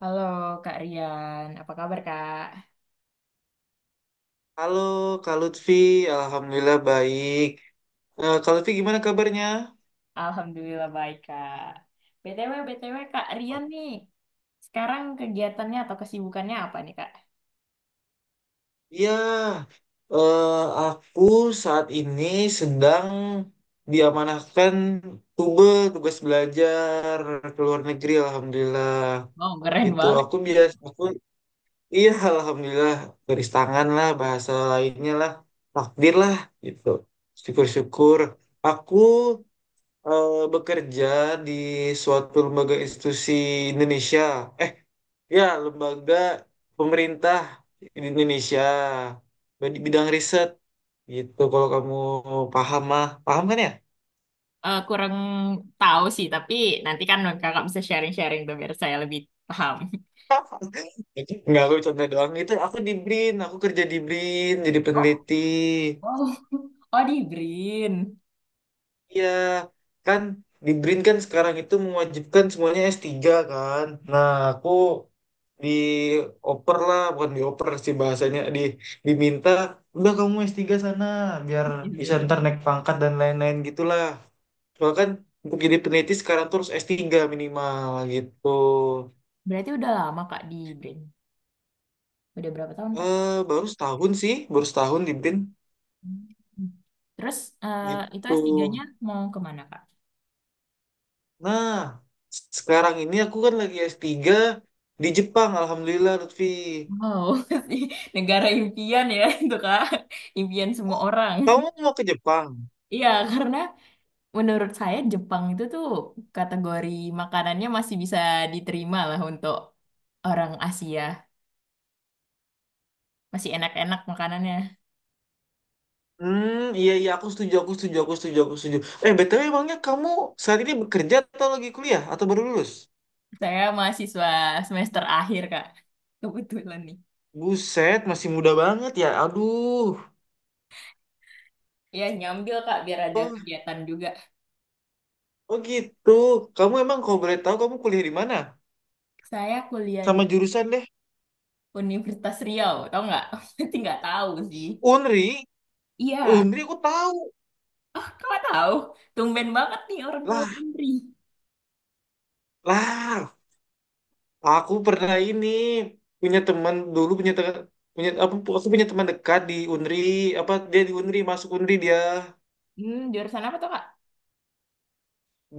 Halo Kak Rian, apa kabar Kak? Halo Kak Lutfi, Alhamdulillah baik. Eh, Kak Lutfi, gimana kabarnya? Alhamdulillah baik Kak. BTW, Kak Rian nih, sekarang kegiatannya atau kesibukannya apa nih Kak? Ya, eh, aku saat ini sedang diamanahkan tube tugas belajar ke luar negeri, Alhamdulillah. Oh, keren Gitu, banget. Iya Alhamdulillah, garis tangan lah, bahasa lainnya lah, takdir lah, gitu. Syukur-syukur. Aku bekerja di suatu lembaga institusi Indonesia. Eh, ya, lembaga pemerintah di Indonesia di bidang riset gitu. Kalau kamu paham mah, paham kan ya? Kurang tahu sih, tapi nanti kan kakak bisa sharing-sharing tuh biar saya lebih paham. Enggak, aku contoh doang. Itu aku di BRIN, aku kerja di BRIN jadi Oh, peneliti. wow. Oh, di BRIN. Iya, kan di BRIN kan sekarang itu mewajibkan semuanya s tiga kan. Nah, aku dioper lah, bukan dioper sih bahasanya, diminta, udah kamu s tiga sana, biar Di bisa Semeru. ntar naik pangkat dan lain-lain gitulah. Soalnya kan untuk jadi peneliti sekarang terus s tiga minimal gitu. Berarti udah lama Kak di BRIN. Udah berapa tahun Kak? Eh, baru setahun sih, baru setahun di BIN Hmm. Terus eh, itu gitu. S3-nya mau kemana Kak? Nah, sekarang ini aku kan lagi s tiga di Jepang, Alhamdulillah Lutfi. Wow, negara impian ya itu Kak. Impian semua orang. Kamu mau ke Jepang? Iya, karena menurut saya Jepang itu tuh kategori makanannya masih bisa diterima lah untuk orang Asia. Masih enak-enak makanannya. Hmm, iya iya aku setuju, aku setuju, aku setuju, aku setuju. Eh, BTW emangnya kamu saat ini bekerja atau lagi kuliah atau baru lulus? Saya mahasiswa semester akhir, Kak. Kebetulan nih. Buset, masih muda banget ya. Aduh. Iya, nyambil Kak biar ada Oh, kegiatan juga. oh gitu. Kamu emang kalau boleh tahu kamu kuliah di mana? Saya kuliah di Sama jurusan deh. Universitas Riau, tau nggak? Berarti nggak tahu sih. Unri, Iya, Unri aku tahu. Kakak tahu. Tumben banget nih orang tahu Lah, Undri. lah. Aku pernah ini punya teman dulu, punya apa punya teman dekat di Unri, apa dia di Unri, masuk Unri dia. Hmm, jurusan apa tuh, Kak?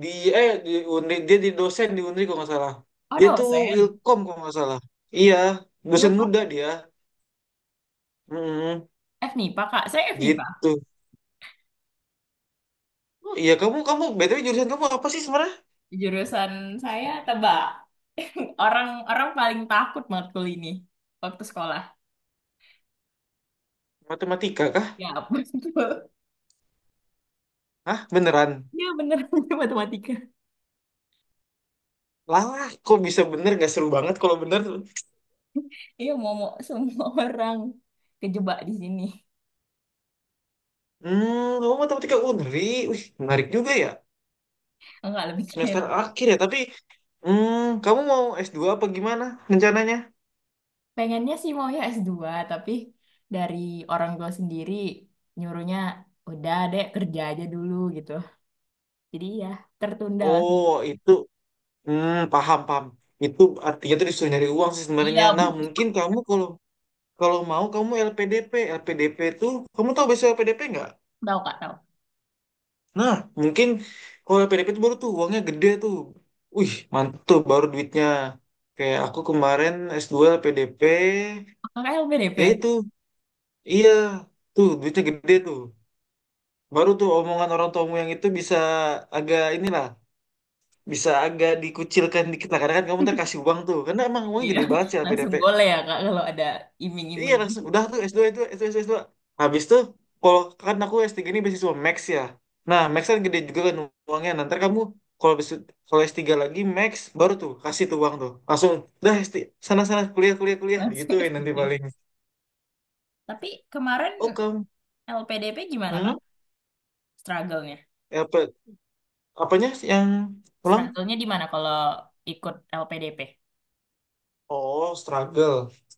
di di Unri dia dosen di Unri kalau nggak salah, Oh, dia tuh dosen. ilkom kalau nggak salah, iya, Iya, dosen Kak. muda dia. Mm, FMIPA, Kak. Saya FMIPA. gitu. Oh, iya, kamu kamu BTW jurusan kamu apa sih sebenarnya, Jurusan saya tebak. Orang orang paling takut matkul ini waktu sekolah. matematika kah? Ya, betul. Hah, beneran? Iya, bener. Matematika. Lah, kok bisa bener, nggak seru banget kalau bener. Iya, mau semua orang kejebak di sini. Hmm, kamu matematika Unri, wih menarik juga ya. Enggak lebih keren. Semester akhir ya tapi. Hmm, kamu mau s dua apa gimana rencananya? Pengennya sih mau ya s dua tapi dari orang tua sendiri nyuruhnya udah deh kerja aja dulu gitu. Jadi ya tertunda lah. Oh itu, hmm, paham, paham. Itu artinya tuh disuruh nyari uang sih Iya, sebenarnya. Nah, mungkin bener. kamu kalau kalau mau kamu LPDP. LPDP tuh, kamu tahu besok LPDP nggak? Tahu, Kak, tahu. Nah, mungkin kalau LPDP tuh baru tuh uangnya gede tuh. Wih, mantul baru duitnya. Kayak aku kemarin S2 LPDP, Kakak ya LPDP. itu. Iya, tuh duitnya gede tuh. Baru tuh omongan orang tuamu yang itu bisa agak inilah, bisa agak dikucilkan dikit lah. Karena kan kamu ntar kasih uang tuh. Karena emang uangnya Iya, gede banget sih langsung LPDP. boleh ya Kak kalau ada Iya, iming-iming. langsung udah tuh s dua itu S2 s dua. Habis tuh kalau, kan aku s tiga ini beasiswa Max ya. Nah, Max kan gede juga kan uangnya. Nanti kamu kalau besu- kalau s tiga lagi Max baru tuh kasih tuh uang tuh. Langsung dah s tiga sana-sana kuliah kuliah kuliah Langsung digituin nanti S3. paling. Tapi kemarin Oh, kamu. LPDP gimana Kak? Hmm? Struggle-nya? Ya, apa, apanya sih yang pulang? Struggle-nya di mana kalau ikut LPDP? Oh, struggle.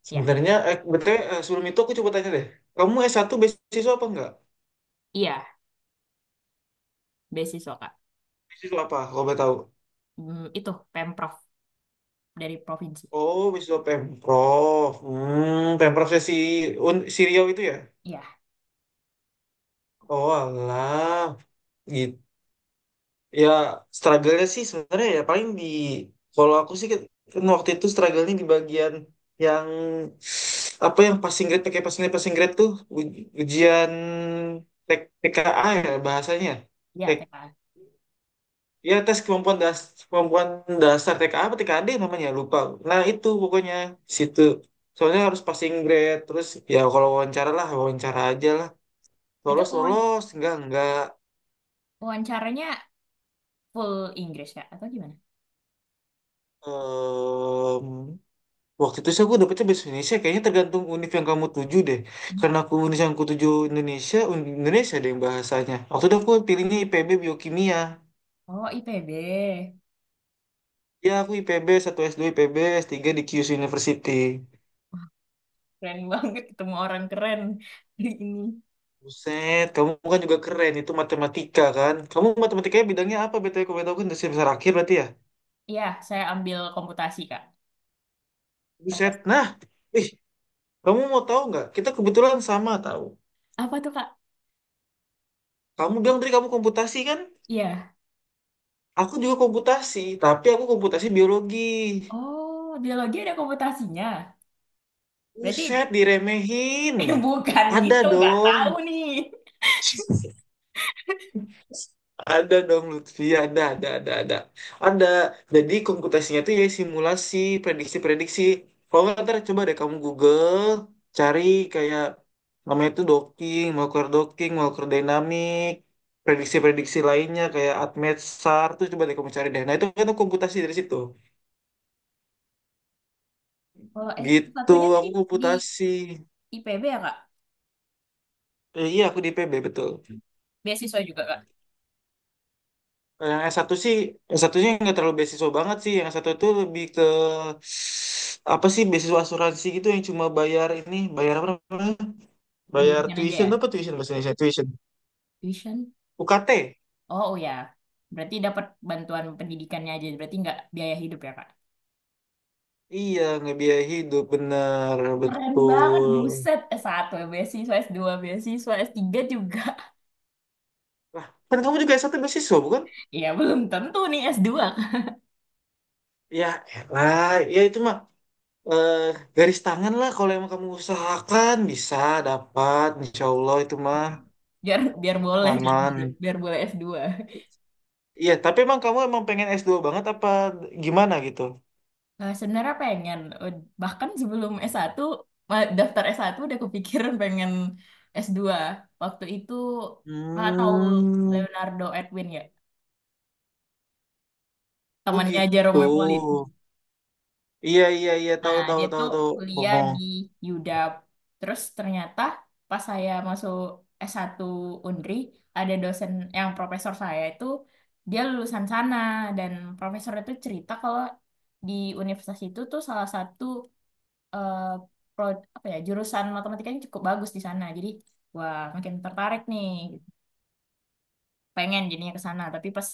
Ya, Sebenarnya betul, sebelum itu aku coba tanya deh. Kamu s satu beasiswa apa enggak? iya, beasiswa Kak. Beasiswa apa kalau boleh tahu? Hmm, itu Pemprov dari provinsi. Oh, wisuda Pemprov. Hmm, Pemprovnya si Riau itu ya? Iya, Oh, alah. Gitu. Ya, struggle-nya sih sebenarnya ya paling di... Kalau aku sih kan waktu itu struggle-nya di bagian yang... Apa yang passing grade, pakai passing grade tuh. Ujian TKA ya bahasanya. iya TKA. Ya, tes kemampuan dasar, kemampuan dasar TK apa TKD namanya lupa. Nah itu pokoknya di situ soalnya harus passing grade terus. Ya kalau wawancara lah, wawancara aja lah, Itu lolos lolos enggak enggak. wawancaranya full Inggris Kak atau gimana? Em, Waktu itu sih aku dapetnya bahasa Indonesia kayaknya, tergantung univ yang kamu tuju deh. Hmm. Karena aku univ yang aku tuju Indonesia, Indonesia ada yang bahasanya, waktu itu aku pilihnya IPB biokimia. Oh, IPB. Ya aku IPB satu, S2 IPB, S3 di Kyushu University. Wah, keren banget ketemu orang keren hari ini. Buset, kamu kan juga keren, itu matematika kan? Kamu matematikanya bidangnya apa? BTW kamu tahu kan dasar besar akhir berarti ya? Iya, saya ambil komputasi Kak. Buset, nah, ih, kamu mau tahu nggak? Kita kebetulan sama tahu. Apa tuh, Kak? Kamu bilang tadi kamu komputasi kan? Iya. Aku juga komputasi, tapi aku komputasi biologi. Oh, biologi ada komputasinya. Berarti Buset, diremehin. Bukan Ada gitu, nggak dong. tahu nih. Ada dong Lutfi, ada, ada. Ada. Jadi komputasinya itu ya simulasi, prediksi-prediksi. Kalau nggak ntar coba deh kamu Google, cari kayak namanya itu docking, Walker dynamic, prediksi-prediksi lainnya kayak ATMET, SAR, tuh coba deh kamu cari deh. Nah itu kan komputasi dari situ. Kalau Gitu, satunya tadi aku di komputasi. IPB ya, Kak? Iya aku di IPB betul. Beasiswa juga, Kak? Kalau yang S1 sih, s satunya nggak terlalu beasiswa banget sih. Yang S1 itu lebih ke apa sih, beasiswa asuransi gitu yang cuma bayar ini, bayar apa namanya? Bayar Pendidikan aja tuition, ya? apa tuition bahasa Indonesia? Tuition. Tuition? UKT. Oh, oh ya. Berarti dapat bantuan pendidikannya aja. Berarti nggak biaya hidup ya, Kak? Iya, ngebiayai hidup bener Keren banget, betul. buset. S1 beasiswa, s dua beasiswa, s tiga juga. Lah, kan kamu juga S1 beasiswa bukan? Ya, belum tentu nih s dua Kak. Ya, lah, ya itu mah eh, garis tangan lah kalau emang kamu usahakan bisa dapat, insya Allah itu mah Gitu. Biar boleh kan, aman. biar boleh s dua. Iya, tapi emang kamu emang pengen s dua banget apa gimana gitu? Sebenarnya pengen. Bahkan sebelum S1 daftar S1 udah kepikiran pengen S2 waktu itu malah tahu Hmm, Leonardo Edwin ya oh temannya gitu. Jerome Pauline. Iya iya iya Nah tahu tahu dia tahu tuh tahu. kuliah Oh. di UDAP, terus ternyata pas saya masuk S1 Undri ada dosen yang profesor saya itu dia lulusan sana. Dan profesor itu cerita kalau di universitas itu tuh salah satu eh, apa ya jurusan matematikanya cukup bagus di sana, jadi wah makin tertarik nih pengen jadinya ke sana. Tapi pas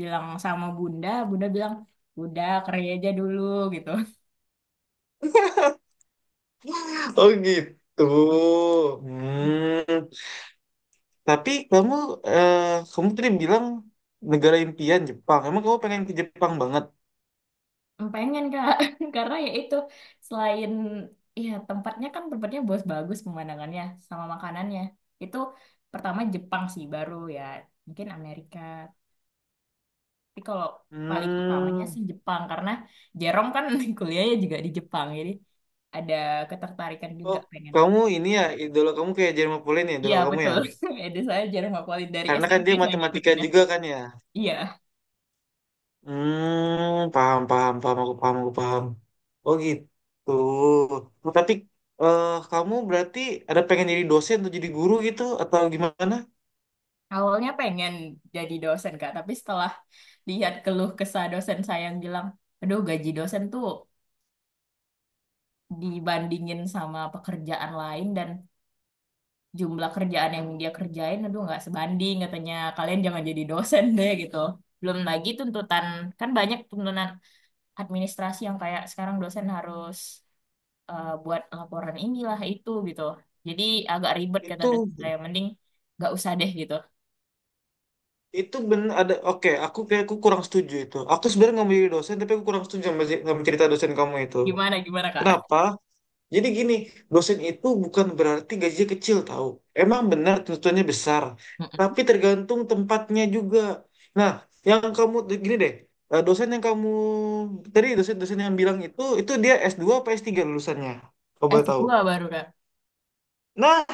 bilang sama bunda, bunda bilang udah kerja aja dulu gitu. Oh gitu. Hmm, Hmm. Tapi kamu eh, kamu tadi bilang negara impian Jepang. Emang kamu pengen ke Jepang banget? pengen kak. Karena ya itu, selain ya tempatnya kan tempatnya bagus-bagus pemandangannya sama makanannya itu, pertama Jepang sih baru ya, mungkin Amerika. Tapi kalau paling utamanya Hmm. sih Jepang karena Jerome kan kuliahnya juga di Jepang, jadi ada ketertarikan Oh, juga pengen. kamu ini ya idola kamu kayak Jermain Pauline ya Iya idola kamu ya. betul. Ada saya Jerome Akualit dari Karena kan SMP dia saya matematika ngikutin ya. juga kan ya. Iya, Hmm, paham, paham, paham, aku paham, aku paham. Oh gitu. Oh, tapi eh kamu berarti ada pengen jadi dosen atau jadi guru gitu atau gimana? awalnya pengen jadi dosen Kak, tapi setelah lihat keluh kesah dosen saya yang bilang, aduh gaji dosen tuh dibandingin sama pekerjaan lain dan jumlah kerjaan yang dia kerjain, aduh nggak sebanding katanya, kalian jangan jadi dosen deh gitu. Belum lagi tuntutan, kan banyak tuntutan administrasi yang kayak sekarang dosen harus buat laporan inilah itu gitu. Jadi agak ribet kata Itu dosen saya, mending nggak usah deh gitu. itu bener ada, oke, aku kayak aku kurang setuju itu. Aku sebenarnya nggak mau jadi dosen tapi aku kurang setuju sama, sama cerita dosen kamu itu. Gimana gimana Kak? Kenapa? Jadi gini, dosen itu bukan berarti gajinya kecil tahu. Emang benar tuntutannya besar, Mm-mm. tapi tergantung tempatnya juga. Nah, yang kamu gini deh, dosen yang kamu tadi, dosen-dosen yang bilang itu dia s dua, apa S3 lulusannya? Kau S boleh tahu. dua baru Kak. Nah,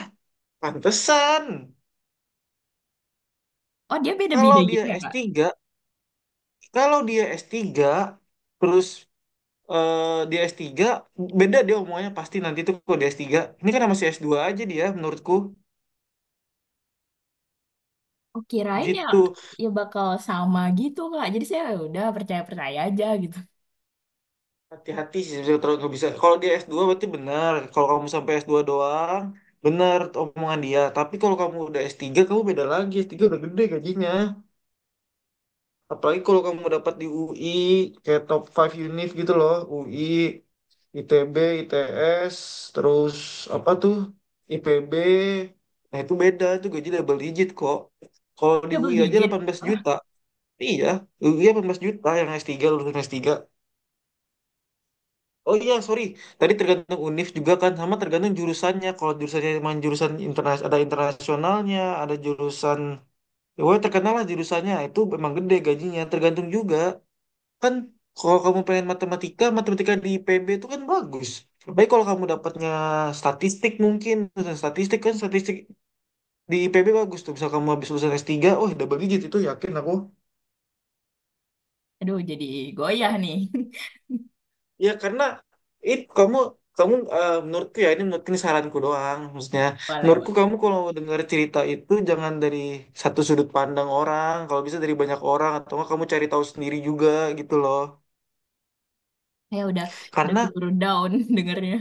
pantesan. Oh dia Kalau beda-beda dia gitu ya s Kak? tiga, kalau dia s tiga, terus eh, dia s tiga, beda dia omongannya pasti nanti tuh kalau dia s tiga. Ini kan masih s dua aja dia menurutku Oh kirain ya gitu. ya bakal sama gitu Kak. Jadi saya, "Ya udah percaya-percaya aja gitu." Hati-hati sih sebenarnya kalau nggak bisa. Kalau dia s dua berarti benar. Kalau kamu sampai s dua doang, benar omongan dia. Tapi kalau kamu udah s tiga, kamu beda lagi. S tiga udah gede gajinya. Apalagi kalau kamu dapat di UI, kayak top five univ gitu loh. UI, ITB, ITS, terus apa tuh? IPB. Nah itu beda, itu gaji double digit kok. Kalau di Double UI aja digit. delapan belas Wah, juta. Iya, UI belas juta yang s tiga, lulusan s tiga. Oh iya, sorry. Tadi tergantung univ juga kan, sama tergantung jurusannya. Kalau jurusannya emang jurusan internas, ada internasionalnya, ada jurusan, ya woy, terkenal lah jurusannya. Itu memang gede gajinya. Tergantung juga kan. Kalau kamu pengen matematika, matematika di IPB itu kan bagus. Baik kalau kamu dapatnya statistik mungkin, lulusan statistik kan statistik di IPB bagus tuh. Misal kamu habis lulusan S3, oh double digit itu yakin aku. aduh jadi goyah nih. Ya karena kamu, menurutku ya, ini menurutku ini saranku doang maksudnya, Boleh, menurutku boleh. kamu kalau dengar cerita itu jangan dari satu sudut pandang orang, kalau bisa dari banyak orang atau enggak kamu cari tahu sendiri juga gitu loh. Saya udah Karena keburu down dengernya.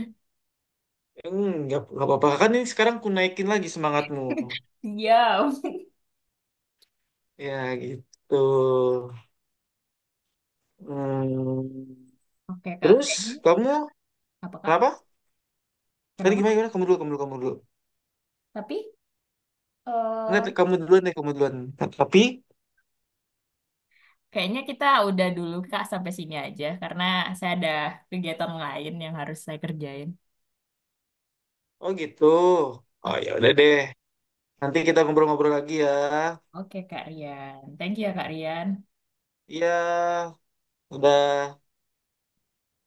hmm, nggak apa-apa kan, ini sekarang ku naikin lagi semangatmu Siap. ya, gitu. Hmm. Oke Kak, kayaknya Terus kamu apa Kak? apa tadi, Kenapa? gimana gimana, kamu dulu, kamu dulu, kamu dulu. Tapi Eh, Enggak, kamu duluan deh kamu duluan tapi. kayaknya kita udah dulu Kak sampai sini aja karena saya ada kegiatan lain yang harus saya kerjain. Oh gitu. Oh O- ya udah deh. Nanti kita ngobrol-ngobrol lagi ya. Oke Kak Rian. Thank you ya Kak Rian. Iya, udah.